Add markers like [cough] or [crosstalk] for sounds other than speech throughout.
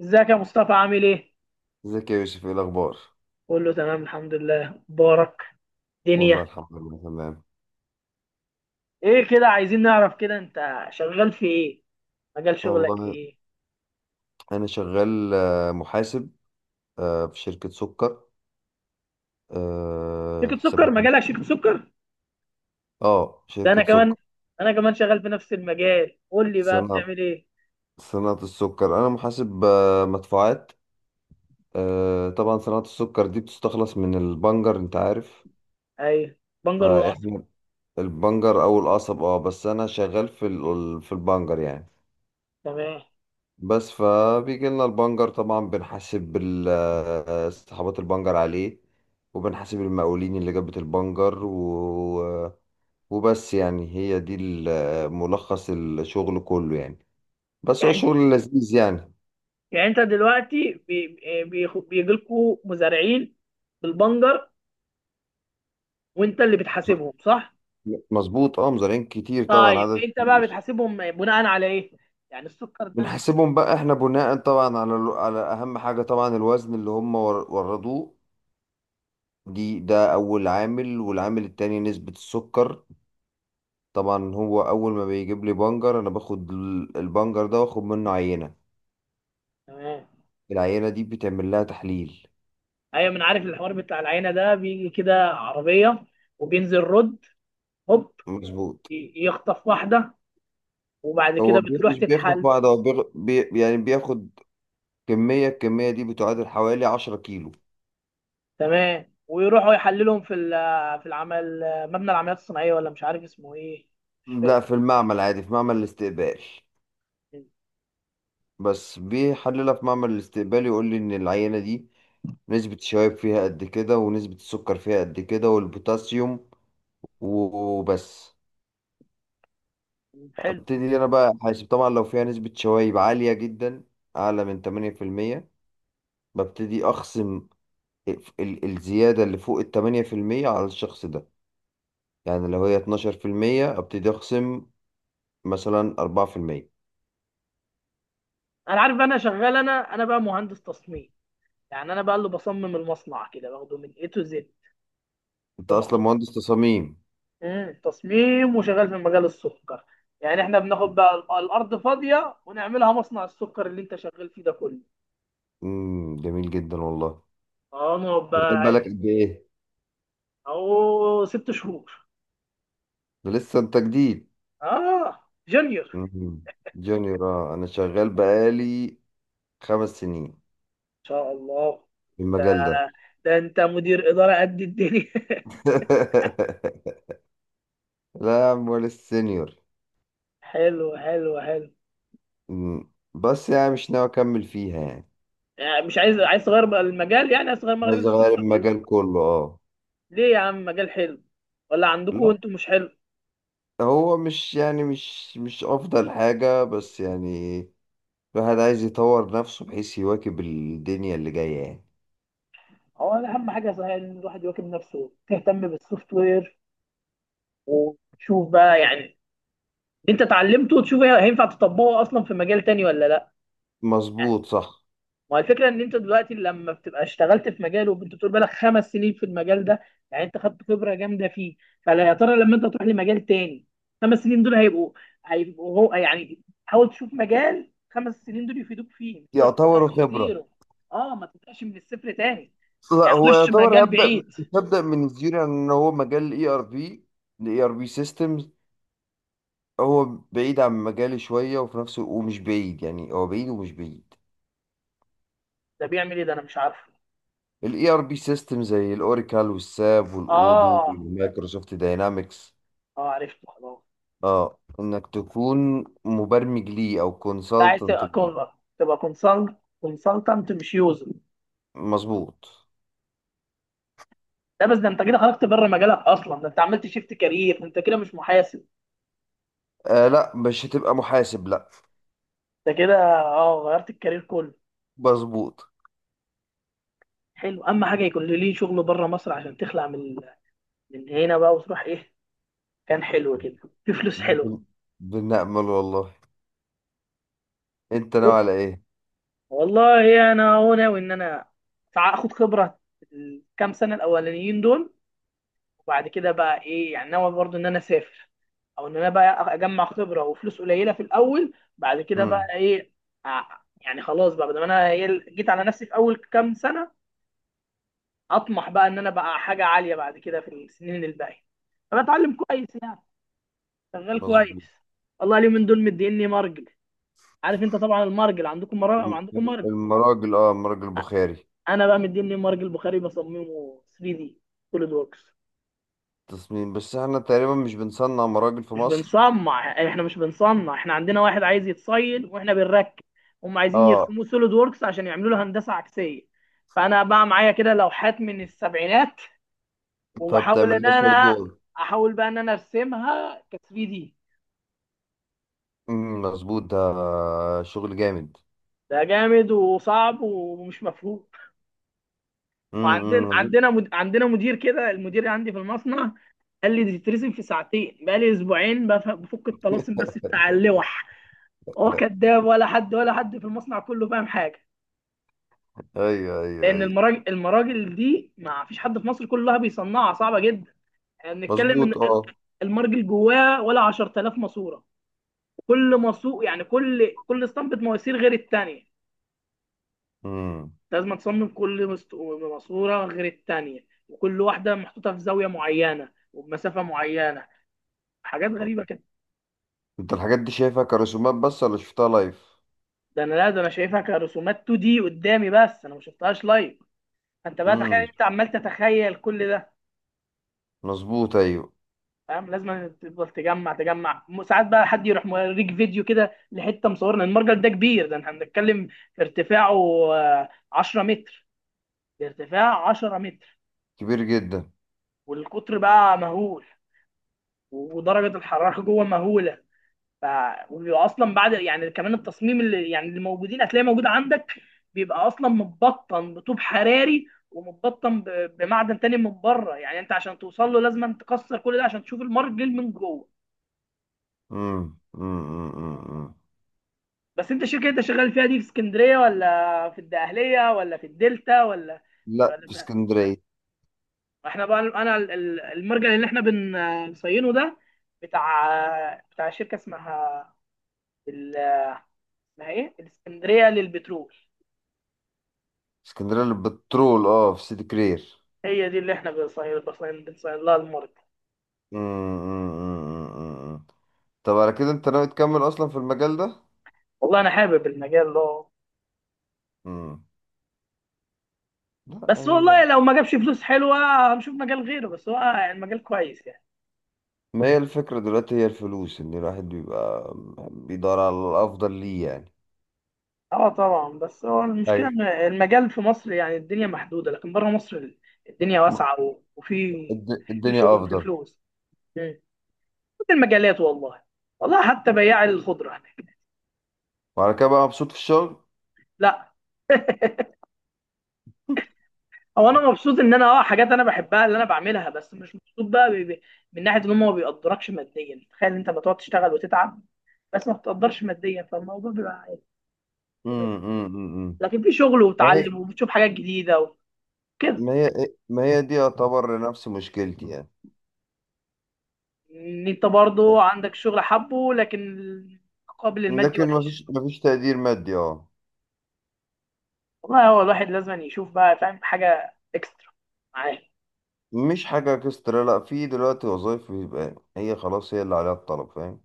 ازيك يا مصطفى؟ عامل ايه؟ ازيك يا يوسف؟ ايه الاخبار؟ قول له تمام، الحمد لله، بارك دنيا. والله الحمد لله تمام. ايه كده؟ عايزين نعرف كده، انت شغال في ايه؟ مجال شغلك والله ايه؟ انا شغال محاسب، في شركة سكر، شركة سكر؟ حسابات. مجالك شركة سكر؟ اه، ده انا شركة كمان، سكر. انا كمان شغال في نفس المجال. قول لي بقى صناعة بتعمل ايه؟ صناعة السكر. انا محاسب مدفوعات. طبعا صناعة السكر دي بتستخلص من البنجر، انت عارف. ايوه، بنجر والقصب. فاحنا البنجر او القصب، اه، بس انا شغال في البنجر يعني. تمام. بس فبيجي لنا البنجر، طبعا بنحاسب صحابات البنجر عليه. وبنحاسب المقاولين اللي جابت البنجر. وبس، يعني هي دي ملخص الشغل كله يعني. بس هو يعني شغل لذيذ يعني. يعني انت دلوقتي بيجي لكم مزارعين بالبنجر، وانت اللي بتحاسبهم، صح؟ مظبوط، اه، مزارعين كتير طبعا، طيب عدد انت بقى كبير. بتحاسبهم بناء على ايه؟ يعني السكر ده انت. بنحاسبهم بقى احنا، بناء طبعا على اهم حاجة طبعا الوزن اللي هم وردوه. ده اول عامل، والعامل التاني نسبة السكر. طبعا هو اول ما بيجيب لي بنجر، انا باخد البنجر ده واخد منه عينه. تمام، العينه دي بتعمل لها تحليل. ايوه. من عارف الحوار بتاع العينه ده، بيجي كده عربيه وبينزل رد، هوب مظبوط. يخطف واحده وبعد هو كده بتروح مش بياخد تتحل. بعض، هو يعني بياخد الكميه دي بتعادل حوالي 10 كيلو. تمام، ويروحوا يحللهم في في العمل، مبنى العمليات الصناعيه، ولا مش عارف اسمه ايه، مش لا، فاكر. في المعمل عادي، في معمل الاستقبال. بس بيحللها في معمل الاستقبال، يقول لي ان العينه دي نسبه الشباب فيها قد كده، ونسبه السكر فيها قد كده، والبوتاسيوم وبس. حلو. ابتدي انا بقى احاسب، طبعا لو فيها نسبة شوايب عالية جدا اعلى من 8%، ببتدي اخصم الزيادة اللي فوق ال 8% على الشخص ده. يعني لو هي 12% ابتدي اخصم مثلا 4%. انا عارف، انا شغال، انا بقى مهندس تصميم. يعني انا بقى اللي بصمم المصنع كده، باخده من اي تو زد. انت اصلا مهندس تصاميم؟ مم. تصميم وشغال في مجال السكر. يعني احنا بناخد بقى الارض فاضيه ونعملها مصنع السكر اللي انت شغال فيه ده كله. جميل جدا والله. اه ما هو شغال بقى بقالك عادي. قد ايه؟ اهو ست شهور. ده لسه انت جديد. اه جونيور ان مم. جونيور. انا شغال بقالي 5 سنين شاء الله. في ده, المجال ده. ده انت مدير اداره قد الدنيا! [laughs] [laughs] لا يا عم، ولا السينيور. حلو حلو حلو. بس يعني مش ناوي اكمل فيها يعني. يعني مش عايز تغير بقى المجال؟ يعني عايز تغير مجال عايز السوفت اغير كله؟ المجال كله، اه. ليه يا عم، مجال حلو، ولا عندكم لا، انتوا مش حلو؟ هو مش يعني مش افضل حاجة، بس يعني الواحد عايز يطور نفسه بحيث يواكب الدنيا اللي جاية يعني. هو أنا اهم حاجه صحيح ان الواحد يواكب نفسه، تهتم بالسوفت وير وتشوف بقى يعني. انت اتعلمته، وتشوف هينفع تطبقه اصلا في مجال تاني ولا لا. مظبوط، صح. ما هو الفكره ان انت دلوقتي لما بتبقى اشتغلت في مجال، وانت بتقول بالك خمس سنين في المجال ده، يعني انت خدت خبره جامده فيه. فلا، يا ترى لما انت تروح لمجال تاني، خمس سنين دول هيبقوا، هو يعني حاول تشوف مجال خمس سنين دول يفيدوك فيه، مش تروح تبدا يعتبر من خبرة. زيرو. اه، ما تبداش من الصفر تاني. لا، يعني ما هو تروحش يعتبر مجال هبدأ بعيد. هبدأ من الزيرو، يعني ان هو مجال الاي ار بي، الاي ار بي سيستمز. هو بعيد عن مجالي شوية، وفي نفس ومش بعيد يعني، هو بعيد ومش بعيد. ده بيعمل ايه؟ ده انا مش عارفه. الاي ار بي سيستم زي الاوراكل والساب والاودو اه، والمايكروسوفت داينامكس. اه عرفته، خلاص. اه، انك تكون مبرمج ليه او انت عايز كونسلتنت. تبقى تبقى كونسلتنت مش يوزر؟ مظبوط. لا، بس ده انت كده خرجت بره مجالك اصلا، ده انت عملت شيفت كارير، انت كده مش محاسب. لا، مش هتبقى محاسب، لا. انت كده اه غيرت الكارير كله. مظبوط. حلو، اما حاجه يكون ليه شغل بره مصر، عشان تخلع من هنا بقى وتروح ايه، كان حلو كده، في فلوس حلوه. بن- بنأمل والله. انت ناوي على ايه؟ والله انا، هو ناوي ان انا اخد خبره الكام سنه الاولانيين دول، وبعد كده بقى ايه يعني، ناوي برضو ان انا اسافر، او ان انا بقى اجمع خبره وفلوس قليله في الاول، بعد كده مم. بقى ايه. يعني خلاص بقى، بدل ما انا إيه، جيت على نفسي في اول كام سنه، اطمح بقى ان انا بقى حاجه عاليه بعد كده في السنين الباقيه. فبتعلم كويس يعني، شغال كويس. مظبوط. والله اليومين دول مديني مرجل. عارف انت طبعا المرجل؟ عندكم مرجل، عندكم مرجل. المراجل البخاري. انا بقى مديني مرجل بخاري بصممه 3 دي، سوليد ووركس. تصميم، بس احنا تقريبا مش بنصنع مراجل في مش مصر. بنصنع، احنا مش بنصنع، احنا عندنا واحد عايز يتصيد واحنا بنركب. هم عايزين اه، يرسموه سوليد ووركس عشان يعملوا له هندسه عكسيه. فانا بقى معايا كده لوحات من السبعينات، وبحاول فبتعمل ان لها انا صدور. احاول بقى ان انا ارسمها ك 3 دي. مم، مظبوط. ده شغل جامد. ده جامد وصعب ومش مفهوم. وعندنا امم عندنا عندنا مدير كده، المدير عندي في المصنع قال لي دي تترسم في ساعتين، بقى لي اسبوعين بفك الطلاسم بس بتاع اللوح. هو كداب، ولا حد، ولا حد في المصنع كله فاهم حاجه. ايوه، ايوه، لان ايوه. المراجل، دي ما فيش حد في مصر كلها بيصنعها، صعبه جدا. يعني بنتكلم ان مظبوط، اه. المرجل جواه ولا 10,000 ماسوره. كل ماسور يعني، كل اسطمبه مواسير غير الثانيه، امم لازم تصمم كل ماسوره غير الثانيه، وكل واحده محطوطه في زاويه معينه وبمسافه معينه، حاجات غريبه كده. انت الحاجات دي شايفها كرسومات بس، ولا شفتها لايف؟ ده انا لا، ده انا شايفها كرسومات 2 دي قدامي بس، انا ما شفتهاش لايف. انت بقى تخيل، امم انت عمال تتخيل كل ده. مظبوط، ايوه. فاهم؟ لازم تفضل تجمع، ساعات بقى حد يروح موريك فيديو كده لحته مصورنا. المرجل ده كبير، ده احنا بنتكلم في ارتفاعه 10 متر، ده ارتفاع 10 متر. كبير جدا. والقطر بقى مهول، ودرجه الحراره جوه مهوله. ف وبيبقى اصلا بعد يعني كمان التصميم، اللي يعني موجودين هتلاقي موجود عندك، بيبقى اصلا متبطن بطوب حراري، ومتبطن بمعدن تاني من بره. يعني انت عشان توصل له، لازم تكسر كل ده عشان تشوف المرجل من جوه. امم، امم، امم، أمم، أمم. بس انت الشركه اللي انت شغال فيها دي في اسكندريه، ولا في الدقهليه، ولا في الدلتا، ولا لا، في في... اسكندريه. احنا بقى انا المرجع اللي احنا بنصينه ده بتاع، شركه اسمها ال... اسمها ايه، الاسكندريه للبترول. اسكندريه للبترول، اه، في سيدي كرير. هي دي اللي احنا بنصين، لها المرجع. امم، أمم، أمم، أمم، أمم. طب على كده انت ناوي تكمل اصلا في المجال ده؟ والله انا حابب المجال ده، امم. لا، بس يعني ما. والله لو ما جابش فلوس حلوه هنشوف مجال غيره، بس هو المجال كويس يعني. ما هي الفكره دلوقتي هي الفلوس ان الواحد بيبقى بيدور على الافضل ليه يعني اه طبعا، بس هو المشكله ايوه إن المجال في مصر يعني الدنيا محدوده، لكن بره مصر الدنيا واسعه وفي، الد- في الدنيا شغل وفي افضل فلوس. مم. كل المجالات والله، والله حتى بياع الخضره هناك. وعلى كده بقى مبسوط في الشغل [laughs] لا، هو انا [laughs] مبسوط ان انا، حاجات انا بحبها اللي انا بعملها، بس مش مبسوط بقى من ناحيه ان هم ما بيقدركش ماديا. تخيل انت ما تقعد تشتغل وتتعب بس ما بتقدرش ماديا، فالموضوع بيبقى عادي، جميل. أمم. لكن في شغل ما هي وتعلم، وبتشوف حاجات جديده وكده. ما هي ما هي دي يعتبر نفس مشكلتي يعني. ان انت برضو عندك شغل حبه، لكن المقابل المادي لكن ما فيش وحش. ما فيش تقدير مادي، اه. والله هو الواحد لازم يشوف بقى، فاهم، حاجة اكسترا معاه. مش حاجة اكسترا، لا، في دلوقتي وظائف بيبقى هي خلاص هي اللي عليها الطلب، فاهم.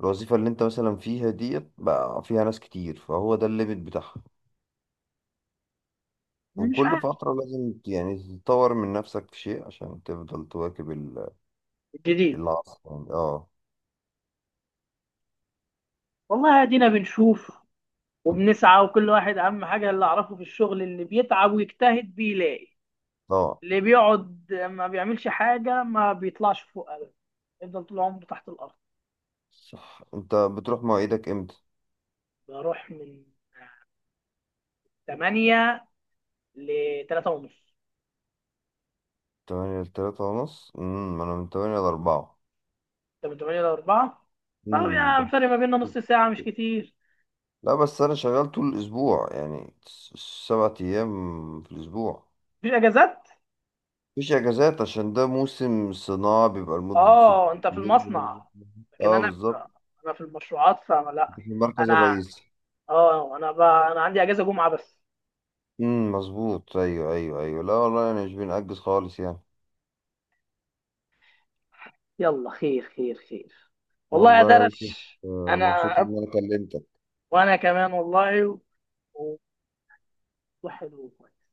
الوظيفة اللي انت مثلا فيها ديت بقى فيها ناس كتير، فهو ده الليميت بتاعها. مش وكل عارف. فترة لازم يعني تطور من نفسك في شيء عشان تفضل تواكب جديد. العصر يعني، اه. والله ادينا بنشوف وبنسعى، وكل واحد اهم حاجة اللي اعرفه في الشغل، اللي بيتعب ويجتهد بيلاقي. طبعا. اللي بيقعد ما بيعملش حاجة ما بيطلعش فوق ابدا، يفضل طول عمره تحت الارض. صح، انت بتروح مواعيدك امتى؟ بروح من 8 ل 3 ونص. 8 لـ 3 ونص. ما أنا من 8 لـ 4. انت من 8 ل 4؟ طب امم، يعني فرق ما بس. بيننا نص ساعة، مش كتير. لا، بس أنا شغال طول الأسبوع يعني، 7 أيام في الأسبوع. مفيش اجازات؟ مفيش أجازات عشان ده موسم صناعة بيبقى لمدة ست اه انت في شهور. المصنع، لكن اه، انا في، بالظبط. انا في المشروعات فما لا. في المركز انا الرئيسي. اه انا بقى انا عندي اجازه جمعه بس. مظبوط. أيوه، أيوه، أيوه. لا والله أنا مش بنأجز خالص يعني. يلا خير، خير خير. والله يا والله يا يوسف، درش. انا مبسوط أب... إن أنا كلمتك. وانا كمان والله، و- وحلو وكويس.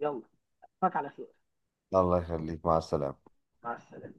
يلا، اشوفك على خير. الله يخليك، مع السلامة. مع السلامه.